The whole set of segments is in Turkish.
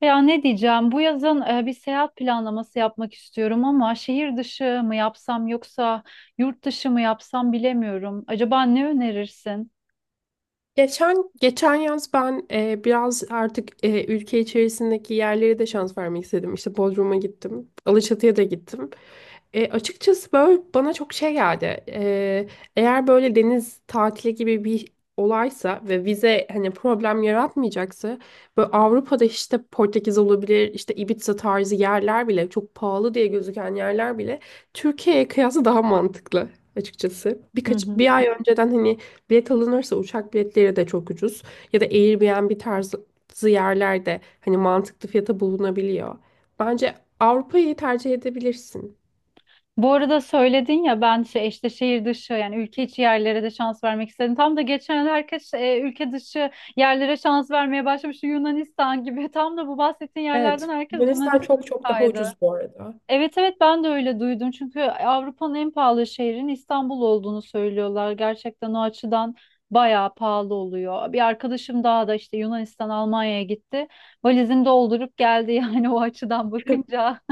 Ya ne diyeceğim? Bu yazın bir seyahat planlaması yapmak istiyorum ama şehir dışı mı yapsam yoksa yurt dışı mı yapsam bilemiyorum. Acaba ne önerirsin? Geçen geçen yaz ben biraz artık ülke içerisindeki yerlere de şans vermek istedim. İşte Bodrum'a gittim, Alaçatı'ya da gittim. Açıkçası böyle bana çok şey geldi. Eğer böyle deniz tatili gibi bir olaysa ve vize hani problem yaratmayacaksa böyle Avrupa'da işte Portekiz olabilir, işte Ibiza tarzı yerler bile çok pahalı diye gözüken yerler bile Türkiye'ye kıyasla daha mantıklı açıkçası. Hı Birkaç hı. bir ay önceden hani bilet alınırsa uçak biletleri de çok ucuz. Ya da Airbnb tarzı yerlerde hani mantıklı fiyata bulunabiliyor. Bence Avrupa'yı tercih edebilirsin. Bu arada söyledin ya ben şey işte şehir dışı yani ülke içi yerlere de şans vermek istedim. Tam da geçen herkes ülke dışı yerlere şans vermeye başlamış Yunanistan gibi. Tam da bu bahsettiğin yerlerden Evet. herkes Yunanistan Yunanistan'a çok çok daha kaydı. ucuz bu arada. Evet, evet, ben de öyle duydum. Çünkü Avrupa'nın en pahalı şehrin İstanbul olduğunu söylüyorlar. Gerçekten o açıdan bayağı pahalı oluyor. Bir arkadaşım daha da işte Yunanistan, Almanya'ya gitti. Valizini doldurup geldi yani o açıdan bakınca.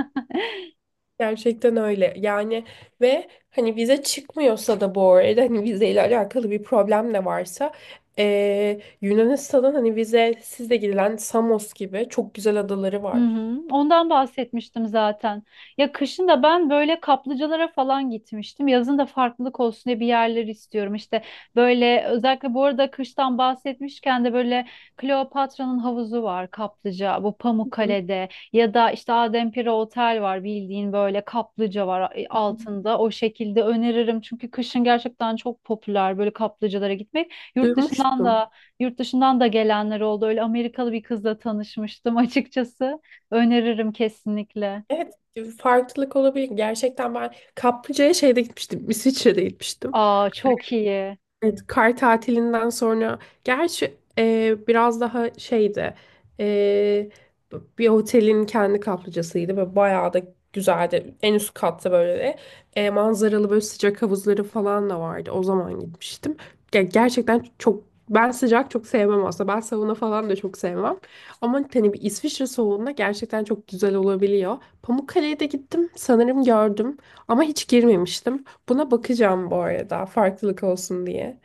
Gerçekten öyle. Yani ve hani vize çıkmıyorsa da bu arada hani vizeyle alakalı bir problem de varsa Yunanistan'ın hani vizesiz de gidilen Samos gibi çok güzel adaları Hı var. hı. Ondan bahsetmiştim zaten. Ya kışın da ben böyle kaplıcalara falan gitmiştim. Yazın da farklılık olsun diye bir yerler istiyorum. İşte böyle özellikle bu arada kıştan bahsetmişken de böyle Kleopatra'nın havuzu var kaplıca. Bu Hı hı. Pamukkale'de ya da işte Adempire Otel var bildiğin böyle kaplıca var altında. O şekilde öneririm çünkü kışın gerçekten çok popüler böyle kaplıcalara gitmek. Yurt dışından Duymuştum. da yurt dışından da gelenler oldu. Öyle Amerikalı bir kızla tanışmıştım açıkçası. Öneririm kesinlikle. Evet, farklılık olabilir. Gerçekten ben kaplıcaya şeyde gitmiştim. İsviçre'de gitmiştim. Aa çok iyi. Evet, kar tatilinden sonra gerçi biraz daha şeydi, e, bir otelin kendi kaplıcasıydı ve bayağı da güzeldi. En üst katta böyle manzaralı böyle sıcak havuzları falan da vardı. O zaman gitmiştim. Gerçekten çok ben sıcak çok sevmem aslında. Ben sauna falan da çok sevmem. Ama hani bir İsviçre soğuğunda gerçekten çok güzel olabiliyor. Pamukkale'ye de gittim sanırım gördüm ama hiç girmemiştim. Buna bakacağım bu arada farklılık olsun diye.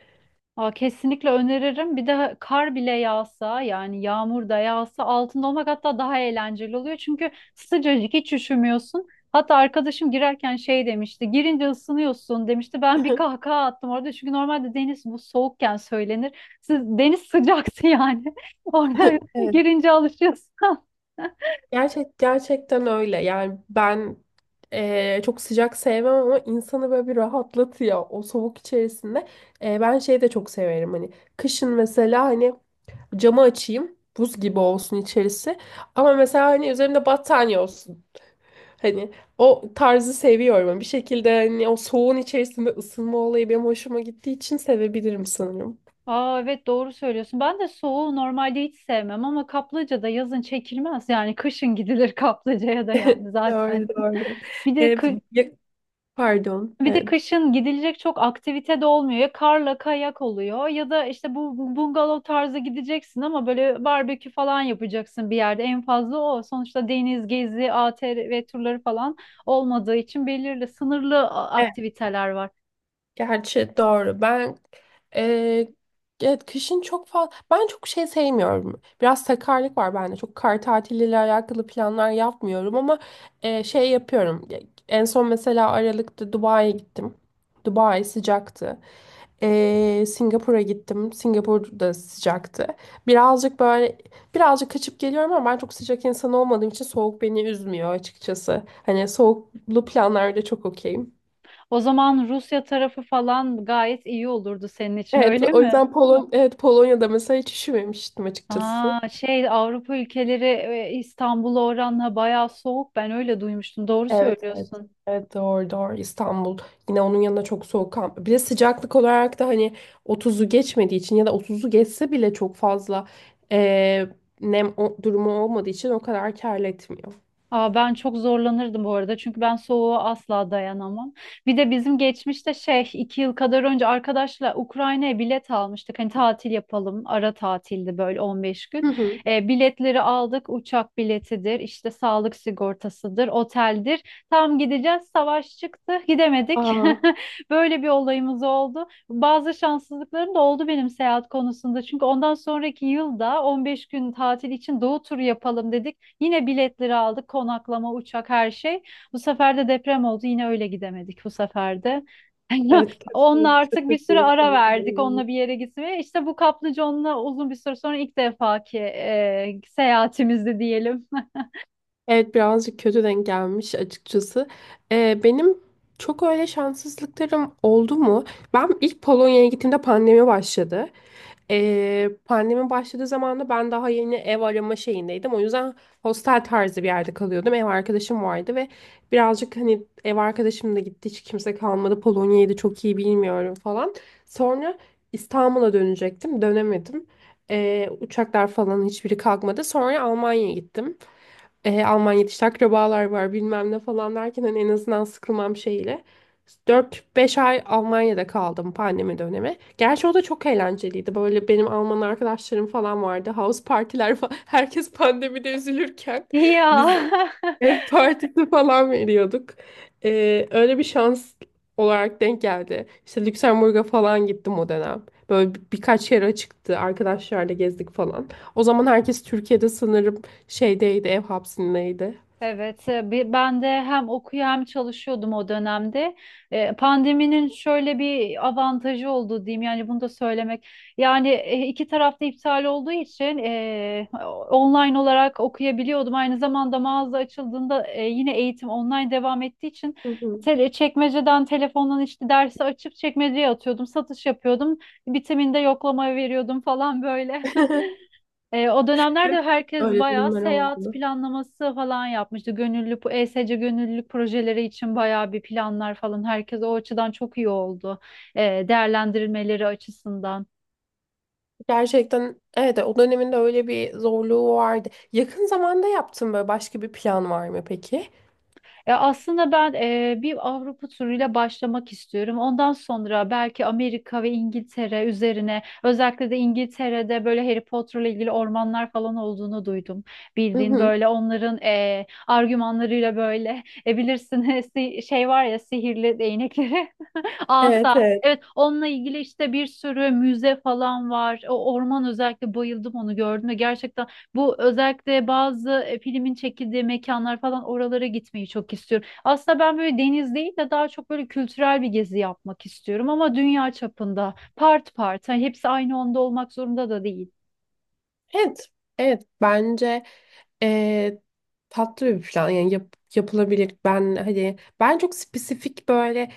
Aa kesinlikle öneririm. Bir de kar bile yağsa yani yağmur da yağsa altında olmak hatta daha eğlenceli oluyor. Çünkü sıcacık hiç üşümüyorsun. Hatta arkadaşım girerken şey demişti. Girince ısınıyorsun demişti. Ben bir kahkaha attım orada. Çünkü normalde deniz bu soğukken söylenir. Siz, deniz sıcaktı yani. Orada Evet, girince alışıyorsun. Gerçekten öyle. Yani ben çok sıcak sevmem ama insanı böyle bir rahatlatıyor o soğuk içerisinde. Ben şeyi de çok severim hani kışın mesela hani camı açayım buz gibi olsun içerisi ama mesela hani üzerimde battaniye olsun. Hani o tarzı seviyorum. Bir şekilde hani o soğuğun içerisinde ısınma olayı benim hoşuma gittiği için sevebilirim sanırım. Aa evet doğru söylüyorsun. Ben de soğuğu normalde hiç sevmem ama kaplıca da yazın çekilmez. Yani kışın gidilir kaplıcaya da yani zaten. Doğru doğru. Bir de Ee, kı- ya- Pardon. Bir de Evet. kışın gidilecek çok aktivite de olmuyor. Ya karla kayak oluyor ya da işte bu bungalov tarzı gideceksin ama böyle barbekü falan yapacaksın bir yerde. En fazla o. Sonuçta deniz gezi, ATV ve turları falan olmadığı için belirli sınırlı Evet, aktiviteler var. gerçi doğru. Ben e, evet kışın çok fazla ben çok şey sevmiyorum. Biraz sakarlık var bende. Çok kar tatiliyle alakalı planlar yapmıyorum ama şey yapıyorum. En son mesela Aralık'ta Dubai'ye gittim. Dubai sıcaktı. Singapur'a gittim. Singapur da sıcaktı. Birazcık böyle birazcık kaçıp geliyorum ama ben çok sıcak insan olmadığım için soğuk beni üzmüyor açıkçası. Hani soğuklu planlarda çok okeyim. O zaman Rusya tarafı falan gayet iyi olurdu senin için Evet, öyle o mi? yüzden evet Polonya'da mesela hiç üşümemiştim açıkçası. Aa, şey Avrupa ülkeleri İstanbul'a oranla bayağı soğuk. Ben öyle duymuştum. Doğru Evet, evet. söylüyorsun. Evet doğru doğru İstanbul yine onun yanında çok soğuk ama- bir de sıcaklık olarak da hani 30'u geçmediği için ya da 30'u geçse bile çok fazla eee, nem durumu olmadığı için o kadar kar etmiyor. Aa, ben çok zorlanırdım bu arada çünkü ben soğuğa asla dayanamam. Bir de bizim geçmişte şey iki yıl kadar önce arkadaşla Ukrayna'ya bilet almıştık. Hani tatil yapalım, ara tatildi böyle 15 gün. Hı hı. Biletleri aldık, uçak biletidir işte, sağlık sigortasıdır, oteldir. Tam gideceğiz savaş çıktı, gidemedik. Aa, Böyle bir olayımız oldu. Bazı şanssızlıklarım da oldu benim seyahat konusunda. Çünkü ondan sonraki yılda 15 gün tatil için doğu turu yapalım dedik. Yine biletleri aldık, konaklama, uçak, her şey. Bu sefer de deprem oldu. Yine öyle gidemedik bu sefer de. evet Onunla kötü, artık bir kötü süre bir ara denk verdik. gelme. Onunla bir yere gitmeye. İşte bu kaplıconla uzun bir süre sonra ilk defaki seyahatimizdi diyelim. Evet birazcık kötü denk gelmiş açıkçası. Benim çok öyle şanssızlıklarım oldu mu? Ben ilk Polonya'ya gittiğimde pandemi başladı. Pandemi başladığı zaman da ben daha yeni ev arama şeyindeydim. O yüzden hostel tarzı bir yerde kalıyordum. Ev arkadaşım vardı ve birazcık hani ev arkadaşım da gitti. Hiç kimse kalmadı. Polonya'yı da çok iyi bilmiyorum falan. Sonra İstanbul'a dönecektim. Dönemedim. Uçaklar falan hiçbiri kalkmadı. Sonra Almanya'ya gittim, Almanya'da işte akrabalar var bilmem ne falan derken hani en azından sıkılmam şeyle. Dört beş ay Almanya'da kaldım pandemi dönemi. Gerçi o da çok eğlenceliydi. Böyle benim Alman arkadaşlarım falan vardı. House partiler falan. Herkes pandemide üzülürken biz Ya. ev partisi falan veriyorduk. Öyle bir şans olarak denk geldi. İşte Lüksemburg'a falan gittim o dönem. Böyle birkaç yere çıktı. Arkadaşlarla gezdik falan. O zaman herkes Türkiye'de sanırım şeydeydi, ev hapsindeydi. Evet, ben de hem okuyor hem çalışıyordum o dönemde. Pandeminin şöyle bir avantajı oldu diyeyim, yani bunu da söylemek. Yani iki tarafta iptal olduğu için online olarak okuyabiliyordum. Aynı zamanda mağaza açıldığında yine eğitim online devam ettiği için Hı hı. Çekmeceden telefondan işte dersi açıp çekmeceye atıyordum, satış yapıyordum. Bitiminde yoklama veriyordum falan böyle. O dönemlerde Evet, herkes öyle bayağı durumlar seyahat oldu. planlaması falan yapmıştı. Gönüllü, bu ESC gönüllülük projeleri için bayağı bir planlar falan. Herkes o açıdan çok iyi oldu. Değerlendirilmeleri açısından. Gerçekten evet o döneminde öyle bir zorluğu vardı. Yakın zamanda yaptığın böyle başka bir plan var mı peki? Ya aslında ben bir Avrupa turuyla başlamak istiyorum. Ondan sonra belki Amerika ve İngiltere üzerine, özellikle de İngiltere'de böyle Harry Potter'la ilgili ormanlar falan olduğunu duydum. Hı Bildiğin hı. böyle onların argümanlarıyla böyle bilirsin şey var ya, sihirli değnekleri. Evet Asa. evet. Evet, onunla ilgili işte bir sürü müze falan var. O orman özellikle bayıldım onu gördüm ve gerçekten bu özellikle bazı filmin çekildiği mekanlar falan, oralara gitmeyi çok istiyorum. Aslında ben böyle deniz değil de daha çok böyle kültürel bir gezi yapmak istiyorum ama dünya çapında part part. Hani hepsi aynı onda olmak zorunda da değil. Evet. Evet bence Ee, tatlı bir plan yani yapılabilir. Ben hani ben çok spesifik böyle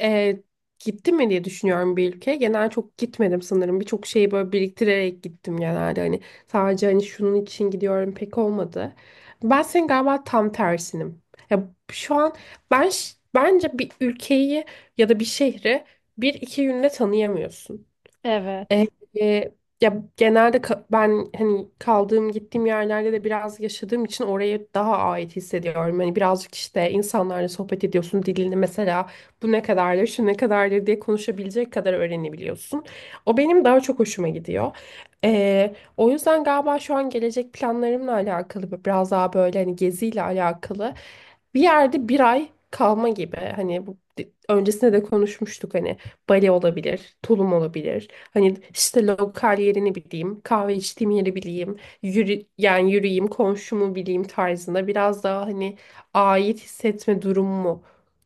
e, gittim mi diye düşünüyorum bir ülkeye. Genel çok gitmedim sanırım. Birçok şeyi böyle biriktirerek gittim genelde. Hani sadece hani şunun için gidiyorum pek olmadı. Ben senin galiba tam tersinim. Ya şu an ben bence bir ülkeyi ya da bir şehri bir iki günde tanıyamıyorsun. E, Evet. e, ya genelde ben hani kaldığım gittiğim yerlerde de biraz yaşadığım için oraya daha ait hissediyorum. Hani birazcık işte insanlarla sohbet ediyorsun dilini mesela bu ne kadardır şu ne kadardır diye konuşabilecek kadar öğrenebiliyorsun. O benim daha çok hoşuma gidiyor. O yüzden galiba şu an gelecek planlarımla alakalı biraz daha böyle hani geziyle alakalı bir yerde bir ay kalma gibi hani bu öncesinde de konuşmuştuk hani bale olabilir, tulum olabilir. Hani işte lokal yerini bileyim, kahve içtiğim yeri bileyim, yani yürüyeyim, komşumu bileyim tarzında biraz daha hani ait hissetme durumu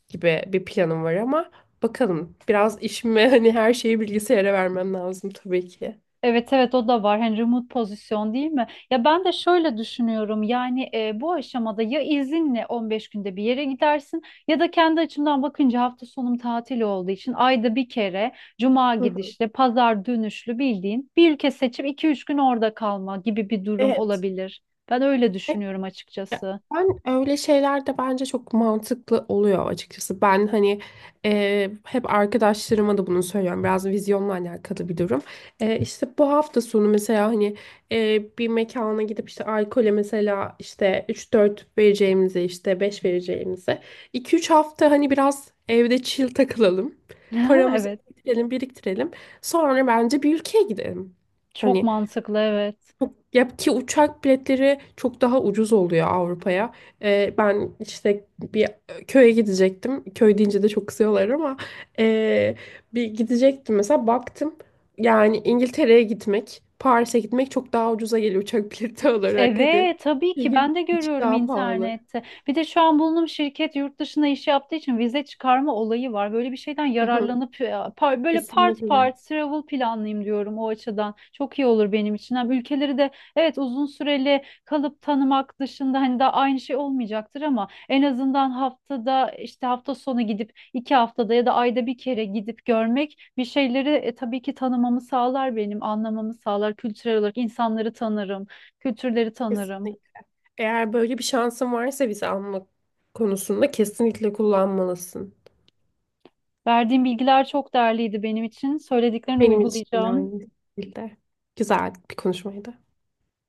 gibi bir planım var ama bakalım biraz işime hani her şeyi bilgisayara vermem lazım tabii ki. Evet, evet, o da var. Hani remote pozisyon değil mi? Ya ben de şöyle düşünüyorum. Yani bu aşamada ya izinle 15 günde bir yere gidersin ya da kendi açımdan bakınca hafta sonum tatil olduğu için ayda bir kere cuma Hı hı. gidişli, pazar dönüşlü bildiğin bir ülke seçip iki üç gün orada kalma gibi bir durum Evet. olabilir. Ben öyle düşünüyorum açıkçası. Ben öyle şeyler de bence çok mantıklı oluyor açıkçası. Ben hani hep arkadaşlarıma da bunu söylüyorum. Biraz vizyonla alakalı bir durum. İşte bu hafta sonu mesela hani bir mekana gidip işte alkole mesela işte üç dört vereceğimize işte 5 vereceğimize iki üç hafta hani biraz evde chill takılalım. Paramızı Evet. biriktirelim biriktirelim. Sonra bence bir ülkeye gidelim. Çok Hani mantıklı, evet. Ya ki uçak biletleri çok daha ucuz oluyor Avrupa'ya. Ben işte bir köye gidecektim. Köy deyince de çok kızıyorlar ama ee, bir gidecektim mesela baktım. Yani İngiltere'ye gitmek, Paris'e gitmek çok daha ucuza geliyor uçak bileti olarak hadi. Evet, tabii ki Şehir ben de içi görüyorum daha pahalı. internette. Bir de şu an bulunduğum şirket yurt dışına iş yaptığı için vize çıkarma olayı var. Böyle bir şeyden Hı hı, yararlanıp böyle part kesinlikle. part travel planlayayım diyorum o açıdan. Çok iyi olur benim için. Hem ülkeleri de evet uzun süreli kalıp tanımak dışında hani daha aynı şey olmayacaktır ama en azından haftada işte hafta sonu gidip iki haftada ya da ayda bir kere gidip görmek bir şeyleri tabii ki tanımamı sağlar benim, anlamamı sağlar. Kültürel olarak insanları tanırım, kültürleri tanırım. Kesinlikle. Eğer böyle bir şansın varsa vize alma konusunda kesinlikle kullanmalısın. Verdiğin bilgiler çok değerliydi benim için. Söylediklerini Benim için de uygulayacağım. aynı şekilde. Güzel bir konuşmaydı.